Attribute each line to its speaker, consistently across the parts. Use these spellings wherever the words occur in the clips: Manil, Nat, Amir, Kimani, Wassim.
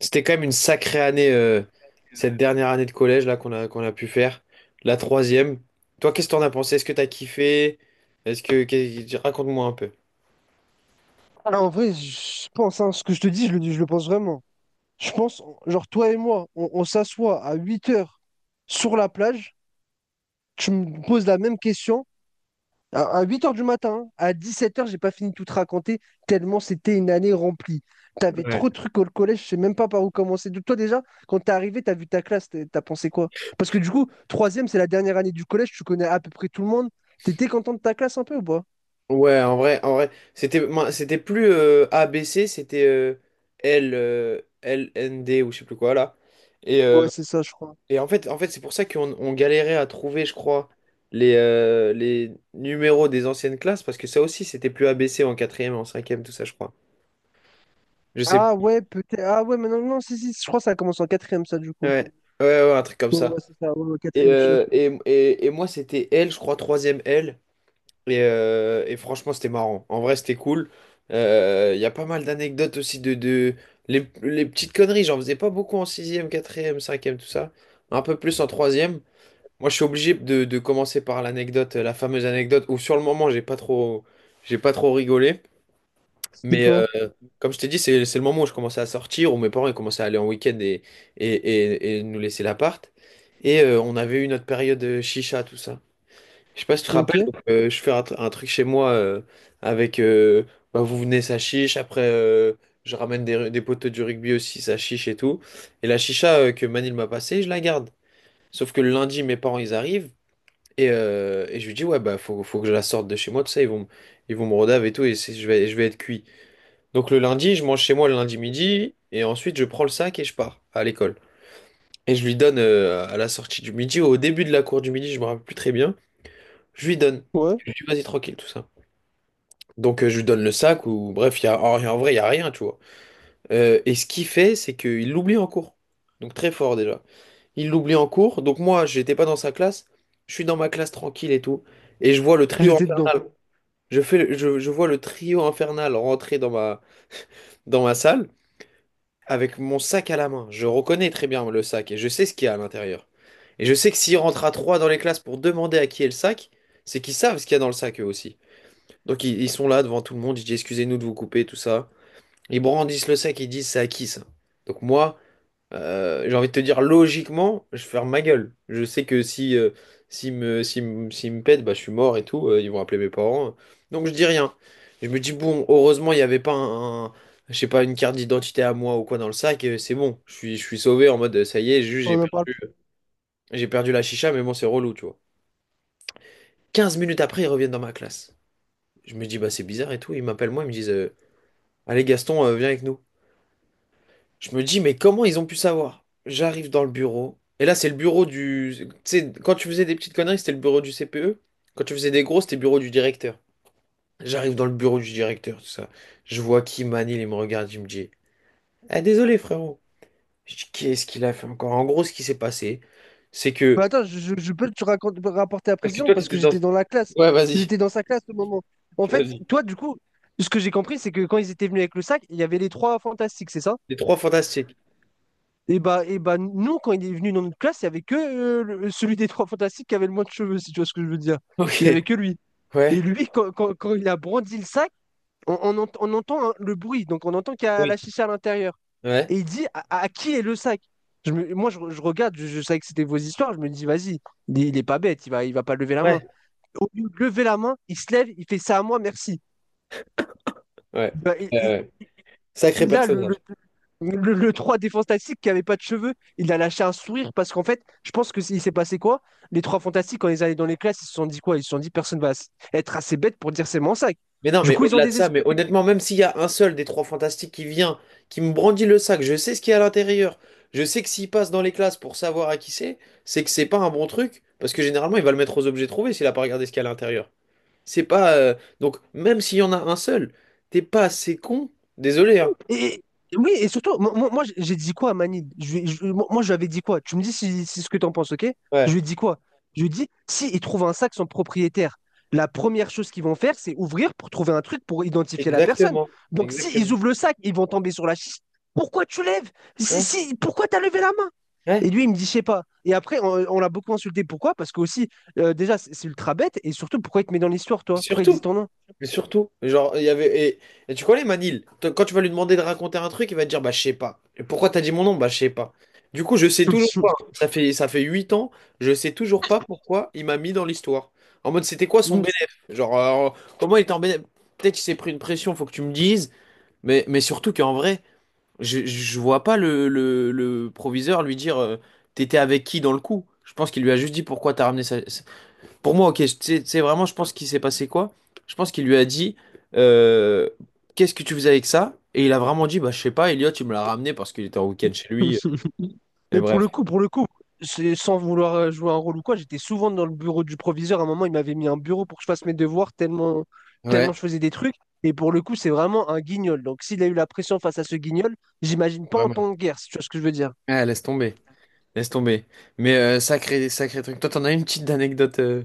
Speaker 1: C'était quand même une sacrée année, cette dernière année de collège là qu'on a pu faire, la troisième. Toi, qu'est-ce que t'en as pensé? Est-ce que t'as kiffé? Raconte-moi un peu.
Speaker 2: Ah, en vrai, je pense, hein, ce que je te dis, je le pense vraiment. Je pense, genre, toi et moi, on s'assoit à 8 heures sur la plage, tu me poses la même question, à 8 heures du matin, hein, à 7 heures, j'ai pas fini de tout te raconter, tellement c'était une année remplie. T'avais
Speaker 1: Ouais.
Speaker 2: trop de trucs au collège, je sais même pas par où commencer. Toi, déjà, quand t'es arrivé, t'as vu ta classe, t'as pensé quoi? Parce que du coup, troisième, c'est la dernière année du collège, tu connais à peu près tout le monde. T'étais content de ta classe un peu ou pas?
Speaker 1: Ouais. En vrai, c'était, moi, c'était plus A B C, c'était L, L N D ou je sais plus quoi là. Et, euh,
Speaker 2: Ouais, c'est ça, je crois.
Speaker 1: et en fait, c'est pour ça qu'on on galérait à trouver, je crois, les numéros des anciennes classes, parce que ça aussi, c'était plus A B C en quatrième, en cinquième, tout ça, je crois. Je sais.
Speaker 2: Ah ouais, peut-être. Ah ouais, mais non, non, si, si, je crois que ça commence en quatrième, ça, du coup.
Speaker 1: Ouais, ouais, un truc comme
Speaker 2: Ouais, ouais,
Speaker 1: ça.
Speaker 2: c'est ça, ouais, ouais,
Speaker 1: Et,
Speaker 2: quatrième sûr.
Speaker 1: euh, et, et, et moi, c'était L, je crois, troisième L. Et franchement, c'était marrant. En vrai, c'était cool. Il y a pas mal d'anecdotes aussi les petites conneries, j'en faisais pas beaucoup en sixième, quatrième, cinquième, tout ça. Un peu plus en troisième. Moi, je suis obligé de commencer par l'anecdote, la fameuse anecdote où sur le moment, j'ai pas trop rigolé.
Speaker 2: C'était
Speaker 1: Mais, euh,
Speaker 2: quoi?
Speaker 1: Comme je t'ai dit, c'est le moment où je commençais à sortir, où mes parents ils commençaient à aller en week-end et, et nous laisser l'appart. Et on avait eu notre période chicha, tout ça. Je sais pas si tu te
Speaker 2: Ok,
Speaker 1: rappelles, donc, je fais un, un truc chez moi avec bah, vous venez ça chiche, après je ramène des potes du rugby aussi, ça chiche et tout. Et la chicha que Manil m'a passée, je la garde. Sauf que le lundi, mes parents ils arrivent, et je lui dis, ouais bah faut que je la sorte de chez moi, tout ça, ils vont me rodave et tout, je vais être cuit. Donc le lundi, je mange chez moi le lundi midi, et ensuite je prends le sac et je pars à l'école. Et je lui donne à la sortie du midi, ou au début de la cour du midi, je me rappelle plus très bien, je lui donne.
Speaker 2: ouais,
Speaker 1: Je lui dis, vas-y tranquille, tout ça. Donc je lui donne le sac, ou bref, il y a, en vrai, il y a rien, tu vois. Et ce qu'il fait, c'est qu'il l'oublie en cours. Donc très fort déjà. Il l'oublie en cours, donc moi, j'étais pas dans sa classe, je suis dans ma classe tranquille et tout, et je vois le trio
Speaker 2: j'étais dedans.
Speaker 1: infernal. Je vois le trio infernal rentrer dans dans ma salle, avec mon sac à la main. Je reconnais très bien le sac et je sais ce qu'il y a à l'intérieur. Et je sais que s'ils rentrent à trois dans les classes pour demander à qui est le sac, c'est qu'ils savent ce qu'il y a dans le sac eux aussi. Donc ils sont là devant tout le monde, ils disent excusez-nous de vous couper, tout ça. Ils brandissent le sac, ils disent c'est à qui ça? Donc moi, j'ai envie de te dire, logiquement, je ferme ma gueule. Je sais que si, s'ils me pètent, bah, je suis mort et tout. Ils vont appeler mes parents. Donc je dis rien. Je me dis, bon, heureusement, il n'y avait pas je sais pas, une carte d'identité à moi ou quoi dans le sac. C'est bon, je suis sauvé, en mode, ça y est, juste,
Speaker 2: On n'en parle plus.
Speaker 1: j'ai perdu la chicha, mais bon, c'est relou, tu vois. 15 minutes après, ils reviennent dans ma classe. Je me dis, bah, c'est bizarre et tout. Ils m'appellent moi, ils me disent, allez, Gaston, viens avec nous. Je me dis, mais comment ils ont pu savoir? J'arrive dans le bureau. Et là, c'est le bureau du... Tu sais, quand tu faisais des petites conneries, c'était le bureau du CPE. Quand tu faisais des grosses, c'était le bureau du directeur. J'arrive dans le bureau du directeur, tout ça. Je vois Kimani, il me regarde, il me dit, ah, désolé, frérot. Je dis, qu'est-ce qu'il a fait encore? En gros, ce qui s'est passé, c'est que...
Speaker 2: Bah, attends, je peux te raconter, rapporter la
Speaker 1: Parce que
Speaker 2: précision
Speaker 1: toi,
Speaker 2: parce que
Speaker 1: t'étais dans...
Speaker 2: j'étais dans la classe.
Speaker 1: Ouais, vas-y.
Speaker 2: J'étais dans sa classe au moment. En fait,
Speaker 1: Vas-y.
Speaker 2: toi, du coup, ce que j'ai compris, c'est que quand ils étaient venus avec le sac, il y avait les trois fantastiques, c'est ça?
Speaker 1: Les trois fantastiques.
Speaker 2: Et bah, nous, quand il est venu dans notre classe, il y avait que celui des trois fantastiques qui avait le moins de cheveux, si tu vois ce que je veux dire.
Speaker 1: Ok.
Speaker 2: Il y avait que lui. Et
Speaker 1: Ouais.
Speaker 2: lui, quand il a brandi le sac, on entend, hein, le bruit, donc on entend qu'il y a la
Speaker 1: Oui.
Speaker 2: chicha à l'intérieur.
Speaker 1: Ouais.
Speaker 2: Et il dit à qui est le sac? Moi, je regarde, je savais que c'était vos histoires, je me dis, vas-y, il est pas bête, il va pas lever la main.
Speaker 1: Ouais.
Speaker 2: Au lieu de lever la main, il se lève, il fait ça à moi, merci.
Speaker 1: Ouais.
Speaker 2: Il va- il-
Speaker 1: Euh, Sacré
Speaker 2: a le, le,
Speaker 1: personnage.
Speaker 2: le, le 3 des Fantastiques qui avait pas de cheveux, il a lâché un sourire parce qu'en fait, je pense que il s'est passé quoi? Les trois Fantastiques, quand ils allaient dans les classes, ils se sont dit quoi? Ils se sont dit, personne va être assez bête pour dire c'est mon sac.
Speaker 1: Mais non,
Speaker 2: Du
Speaker 1: mais
Speaker 2: coup, ils ont
Speaker 1: au-delà de ça, mais
Speaker 2: désespéré.
Speaker 1: honnêtement, même s'il y a un seul des trois fantastiques qui vient, qui me brandit le sac, je sais ce qu'il y a à l'intérieur. Je sais que s'il passe dans les classes pour savoir à qui c'est que c'est pas un bon truc, parce que généralement, il va le mettre aux objets trouvés s'il a pas regardé ce qu'il y a à l'intérieur. C'est pas. Donc, même s'il y en a un seul, t'es pas assez con. Désolé, hein.
Speaker 2: Et, oui, et surtout, moi, j'ai dit quoi à Manil? Je, lui- je- moi, moi, je lui avais dit quoi? Tu me dis si ce que tu en penses, ok? Je
Speaker 1: Ouais,
Speaker 2: lui ai dit quoi? Je lui ai dit, si ils trouvent un sac sans propriétaire, la première chose qu'ils vont faire, c'est ouvrir pour trouver un truc pour identifier la personne.
Speaker 1: exactement.
Speaker 2: Donc, si ils
Speaker 1: Exactement.
Speaker 2: ouvrent le sac, ils vont tomber sur la chiche. Pourquoi tu lèves? Si,
Speaker 1: Ouais,
Speaker 2: si, pourquoi t'as levé la main?
Speaker 1: ouais.
Speaker 2: Et lui, il me dit, je sais pas. Et après, on l'a beaucoup insulté. Pourquoi? Parce que aussi, déjà, c'est ultra bête. Et surtout, pourquoi il te met dans l'histoire, toi? Pourquoi il dit
Speaker 1: Surtout,
Speaker 2: ton nom?
Speaker 1: mais surtout, genre, il y avait. Et tu connais Manil, quand tu vas lui demander de raconter un truc, il va te dire, bah, je sais pas. Et pourquoi t'as dit mon nom? Bah, je sais pas. Du coup, je sais toujours pas. Ça fait 8 ans, je sais toujours pas pourquoi il m'a mis dans l'histoire. En mode, c'était quoi son
Speaker 2: Mm.
Speaker 1: bénéfice? Genre, comment il était en bénéf? Peut-être qu'il s'est pris une pression, faut que tu me dises. Mais surtout qu'en vrai, je vois pas le proviseur lui dire, t'étais avec qui dans le coup? Je pense qu'il lui a juste dit pourquoi t'as ramené ça, pour moi, ok, tu vraiment, je pense qu'il s'est passé quoi? Je pense qu'il lui a dit, euh, qu'est-ce que tu faisais avec ça? Et il a vraiment dit, bah, je sais pas, Elliot, il me l'a ramené parce qu'il était en week-end chez lui. Et
Speaker 2: Mais
Speaker 1: bref.
Speaker 2: pour le coup, sans vouloir jouer un rôle ou quoi, j'étais souvent dans le bureau du proviseur. À un moment, il m'avait mis un bureau pour que je fasse mes devoirs tellement,
Speaker 1: Ouais,
Speaker 2: tellement je faisais des trucs. Et pour le coup, c'est vraiment un guignol. Donc, s'il a eu la pression face à ce guignol, j'imagine pas en
Speaker 1: vraiment.
Speaker 2: temps de guerre, si tu vois ce que je veux dire.
Speaker 1: Ah, laisse tomber. Laisse tomber. Mais sacré, sacré truc. Toi, t'en as une petite anecdote.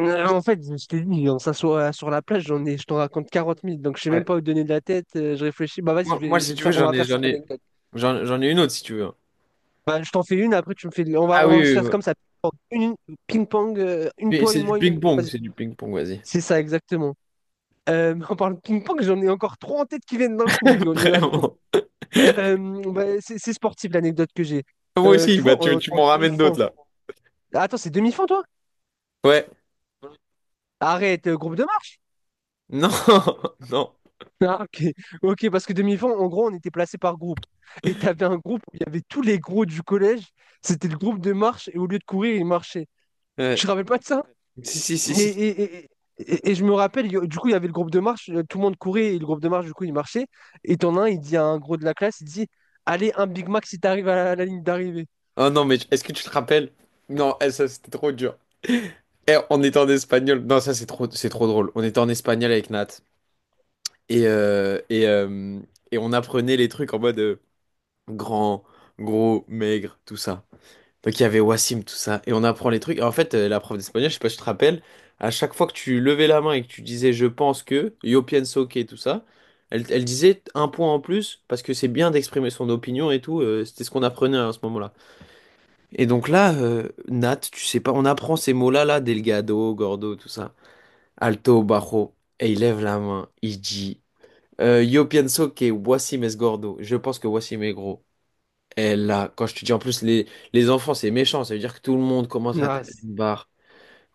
Speaker 2: En fait, je t'ai dit, on s'assoit sur la plage, je t'en raconte 40 000, donc je sais
Speaker 1: Ouais.
Speaker 2: même pas où te donner de la tête, je réfléchis. Bah, vas-y, je
Speaker 1: Moi,
Speaker 2: vais, je
Speaker 1: si
Speaker 2: vais te
Speaker 1: tu veux,
Speaker 2: faire, on va faire
Speaker 1: j'en
Speaker 2: cette
Speaker 1: ai,
Speaker 2: anecdote.
Speaker 1: j'en ai une autre si tu veux.
Speaker 2: Bah, je t'en fais une, après tu me fais. On va,
Speaker 1: Ah
Speaker 2: on
Speaker 1: oui,
Speaker 2: va se faire
Speaker 1: oui.
Speaker 2: comme ça. Ping-pong, une
Speaker 1: Mais
Speaker 2: toi,
Speaker 1: c'est
Speaker 2: une
Speaker 1: du
Speaker 2: moi, une.
Speaker 1: ping-pong,
Speaker 2: Vas-y.
Speaker 1: c'est du ping-pong, vas-y.
Speaker 2: C'est ça, exactement. Mais on parle ping-pong, j'en ai encore trois en tête qui viennent d'un coup. Il y en il y en a trop.
Speaker 1: Vraiment.
Speaker 2: Euh, bah, c'est sportif, l'anecdote que j'ai.
Speaker 1: Moi aussi,
Speaker 2: Tu
Speaker 1: bah,
Speaker 2: vois, on est
Speaker 1: tu
Speaker 2: en
Speaker 1: m'en ramènes
Speaker 2: demi-fond.
Speaker 1: d'autres là.
Speaker 2: Ah, attends, c'est demi-fond toi?
Speaker 1: Ouais.
Speaker 2: Arrête, groupe de marche.
Speaker 1: Non, non.
Speaker 2: Ah, ok. Ok, parce que demi-fond, en gros, on était placé par groupe. Et t'avais un groupe où il y avait tous les gros du collège. C'était le groupe de marche et au lieu de courir, ils marchaient. Tu
Speaker 1: Ouais.
Speaker 2: te rappelles pas de ça?
Speaker 1: Si,
Speaker 2: Et,
Speaker 1: si.
Speaker 2: et- et- et je me rappelle, du coup, il y avait le groupe de marche, tout le monde courait et le groupe de marche, du coup, il marchait. Et t'en as un, il dit à un gros de la classe, il dit, allez, un Big Mac si t'arrives à la ligne d'arrivée.
Speaker 1: Oh non, mais est-ce que tu te rappelles? Non, eh, ça c'était trop dur. Eh, on était en espagnol. Non, ça c'est trop drôle. On était en espagnol avec Nat. Et, euh, et, euh, et on apprenait les trucs en mode grand, gros, maigre, tout ça. Donc il y avait Wassim, tout ça. Et on apprend les trucs. Et en fait, la prof d'espagnol, je sais pas si tu te rappelles, à chaque fois que tu levais la main et que tu disais je pense que, yo pienso que, tout ça, elle disait un point en plus parce que c'est bien d'exprimer son opinion et tout. C'était ce qu'on apprenait à ce moment-là. Et donc là, Nat, tu sais pas, on apprend ces mots-là, là, Delgado, Gordo, tout ça. Alto, Bajo. Et il lève la main, il dit Yo pienso que Wassim es gordo. Je pense que Wassim est gros. Et là, quand je te dis en plus, les enfants, c'est méchant, ça veut dire que tout le monde commence à
Speaker 2: Ah,
Speaker 1: taper une barre.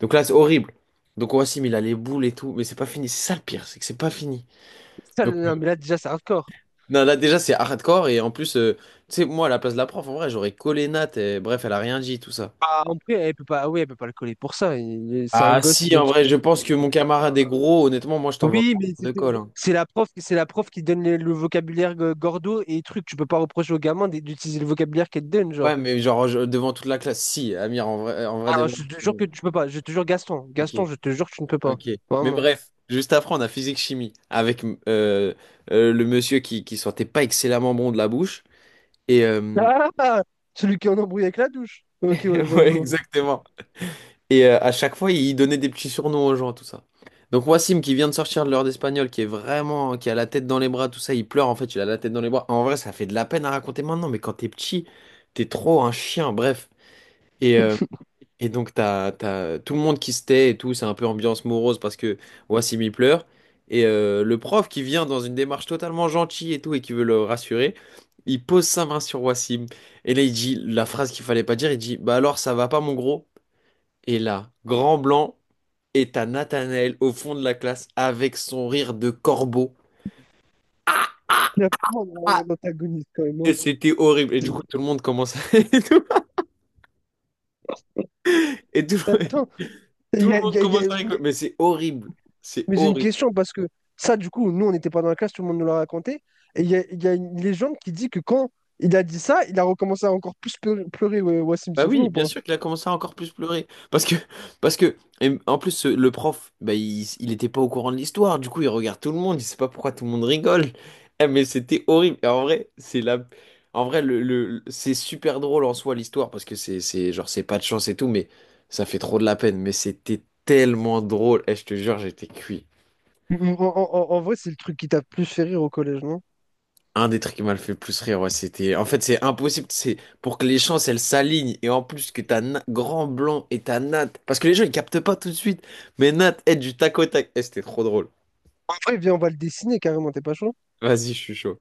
Speaker 1: Donc là, c'est horrible. Donc Wassim, il a les boules et tout, mais c'est pas fini. C'est ça le pire, c'est que c'est pas fini.
Speaker 2: ça,
Speaker 1: Donc
Speaker 2: non, mais là, déjà, c'est hardcore.
Speaker 1: non, là, déjà, c'est hardcore, et en plus, tu sais, moi, à la place de la prof, en vrai, j'aurais collé Nat, et bref, elle a rien dit, tout ça.
Speaker 2: Ah, en vrai, elle peut pas, ah oui, elle peut pas le coller pour ça. C'est un
Speaker 1: Ah
Speaker 2: gosse, il
Speaker 1: si,
Speaker 2: donne
Speaker 1: en vrai,
Speaker 2: son.
Speaker 1: je pense que mon camarade est gros. Honnêtement, moi, je t'envoie
Speaker 2: Oui,
Speaker 1: pas
Speaker 2: mais c'est
Speaker 1: de
Speaker 2: c'est-
Speaker 1: colle, hein.
Speaker 2: c'est la prof, c'est la prof qui donne le vocabulaire, gordo et truc. Tu peux pas reprocher au gamin d'utiliser le vocabulaire qu'elle te donne,
Speaker 1: Ouais,
Speaker 2: genre.
Speaker 1: mais genre devant toute la classe. Si, Amir, en vrai,
Speaker 2: Ah,
Speaker 1: devant.
Speaker 2: je te jure que tu peux pas. Je te jure, Gaston.
Speaker 1: Ok,
Speaker 2: Gaston, je te jure que tu ne peux pas.
Speaker 1: ok. Mais
Speaker 2: Vraiment.
Speaker 1: bref, juste après, on a physique-chimie avec le monsieur qui sentait pas excellemment bon de la bouche. Et
Speaker 2: Ah! Celui qui est en embrouille avec la douche. Ok, ouais, je vois, je
Speaker 1: ouais,
Speaker 2: vois.
Speaker 1: exactement. Et à chaque fois, il donnait des petits surnoms aux gens, tout ça. Donc Wassim, qui vient de sortir de l'heure d'espagnol, qui est vraiment, qui a la tête dans les bras, tout ça, il pleure en fait, il a la tête dans les bras. En vrai, ça fait de la peine à raconter maintenant, mais quand t'es petit, t'es trop un chien, bref. Et, euh, et donc t'as tout le monde qui se tait et tout, c'est un peu ambiance morose parce que Wassim il pleure. Et le prof qui vient dans une démarche totalement gentille et tout et qui veut le rassurer, il pose sa main sur Wassim. Et là, il dit la phrase qu'il fallait pas dire, il dit, bah alors ça va pas mon gros? Et là, grand blanc. Et t'as Nathanaël au fond de la classe avec son rire de corbeau.
Speaker 2: Il y a vraiment un
Speaker 1: Ah,
Speaker 2: un antagoniste quand même, hein.
Speaker 1: et c'était horrible. Et du coup, tout le monde commence à... Et tout, et tout,
Speaker 2: Attends,
Speaker 1: tout
Speaker 2: il
Speaker 1: le
Speaker 2: y a- il y
Speaker 1: monde
Speaker 2: a- il y
Speaker 1: commence à
Speaker 2: a-
Speaker 1: rigoler. Mais c'est horrible. C'est
Speaker 2: mais j'ai une
Speaker 1: horrible.
Speaker 2: question parce que ça, du coup, nous, on n'était pas dans la classe, tout le monde nous l'a raconté. Et il y a une légende qui dit que quand il a dit ça, il a recommencé à encore plus pleurer, ouais, Wassim,
Speaker 1: Bah
Speaker 2: c'est vrai
Speaker 1: oui,
Speaker 2: ou
Speaker 1: bien
Speaker 2: pas?
Speaker 1: sûr qu'il a commencé à encore plus pleurer. Parce que, et en plus, le prof, bah, il était pas au courant de l'histoire. Du coup, il regarde tout le monde. Il sait pas pourquoi tout le monde rigole. Eh, mais c'était horrible. Et en vrai, en vrai, c'est super drôle en soi l'histoire parce que c'est genre, c'est pas de chance et tout, mais ça fait trop de la peine. Mais c'était tellement drôle. Eh, je te jure, j'étais cuit.
Speaker 2: En vrai, c'est le truc qui t'a le plus fait rire au collège, non?
Speaker 1: Un des trucs qui m'a le fait plus rire, ouais, c'était. En fait, c'est impossible. C'est pour que les chances, elles s'alignent. Et en plus, que t'as Grand Blanc et t'as Nat. Parce que les gens, ils captent pas tout de suite. Mais Nat est du tac au tac. Eh, c'était trop drôle.
Speaker 2: En vrai, viens, on va le dessiner carrément, t'es pas chaud?
Speaker 1: Vas-y, je suis chaud.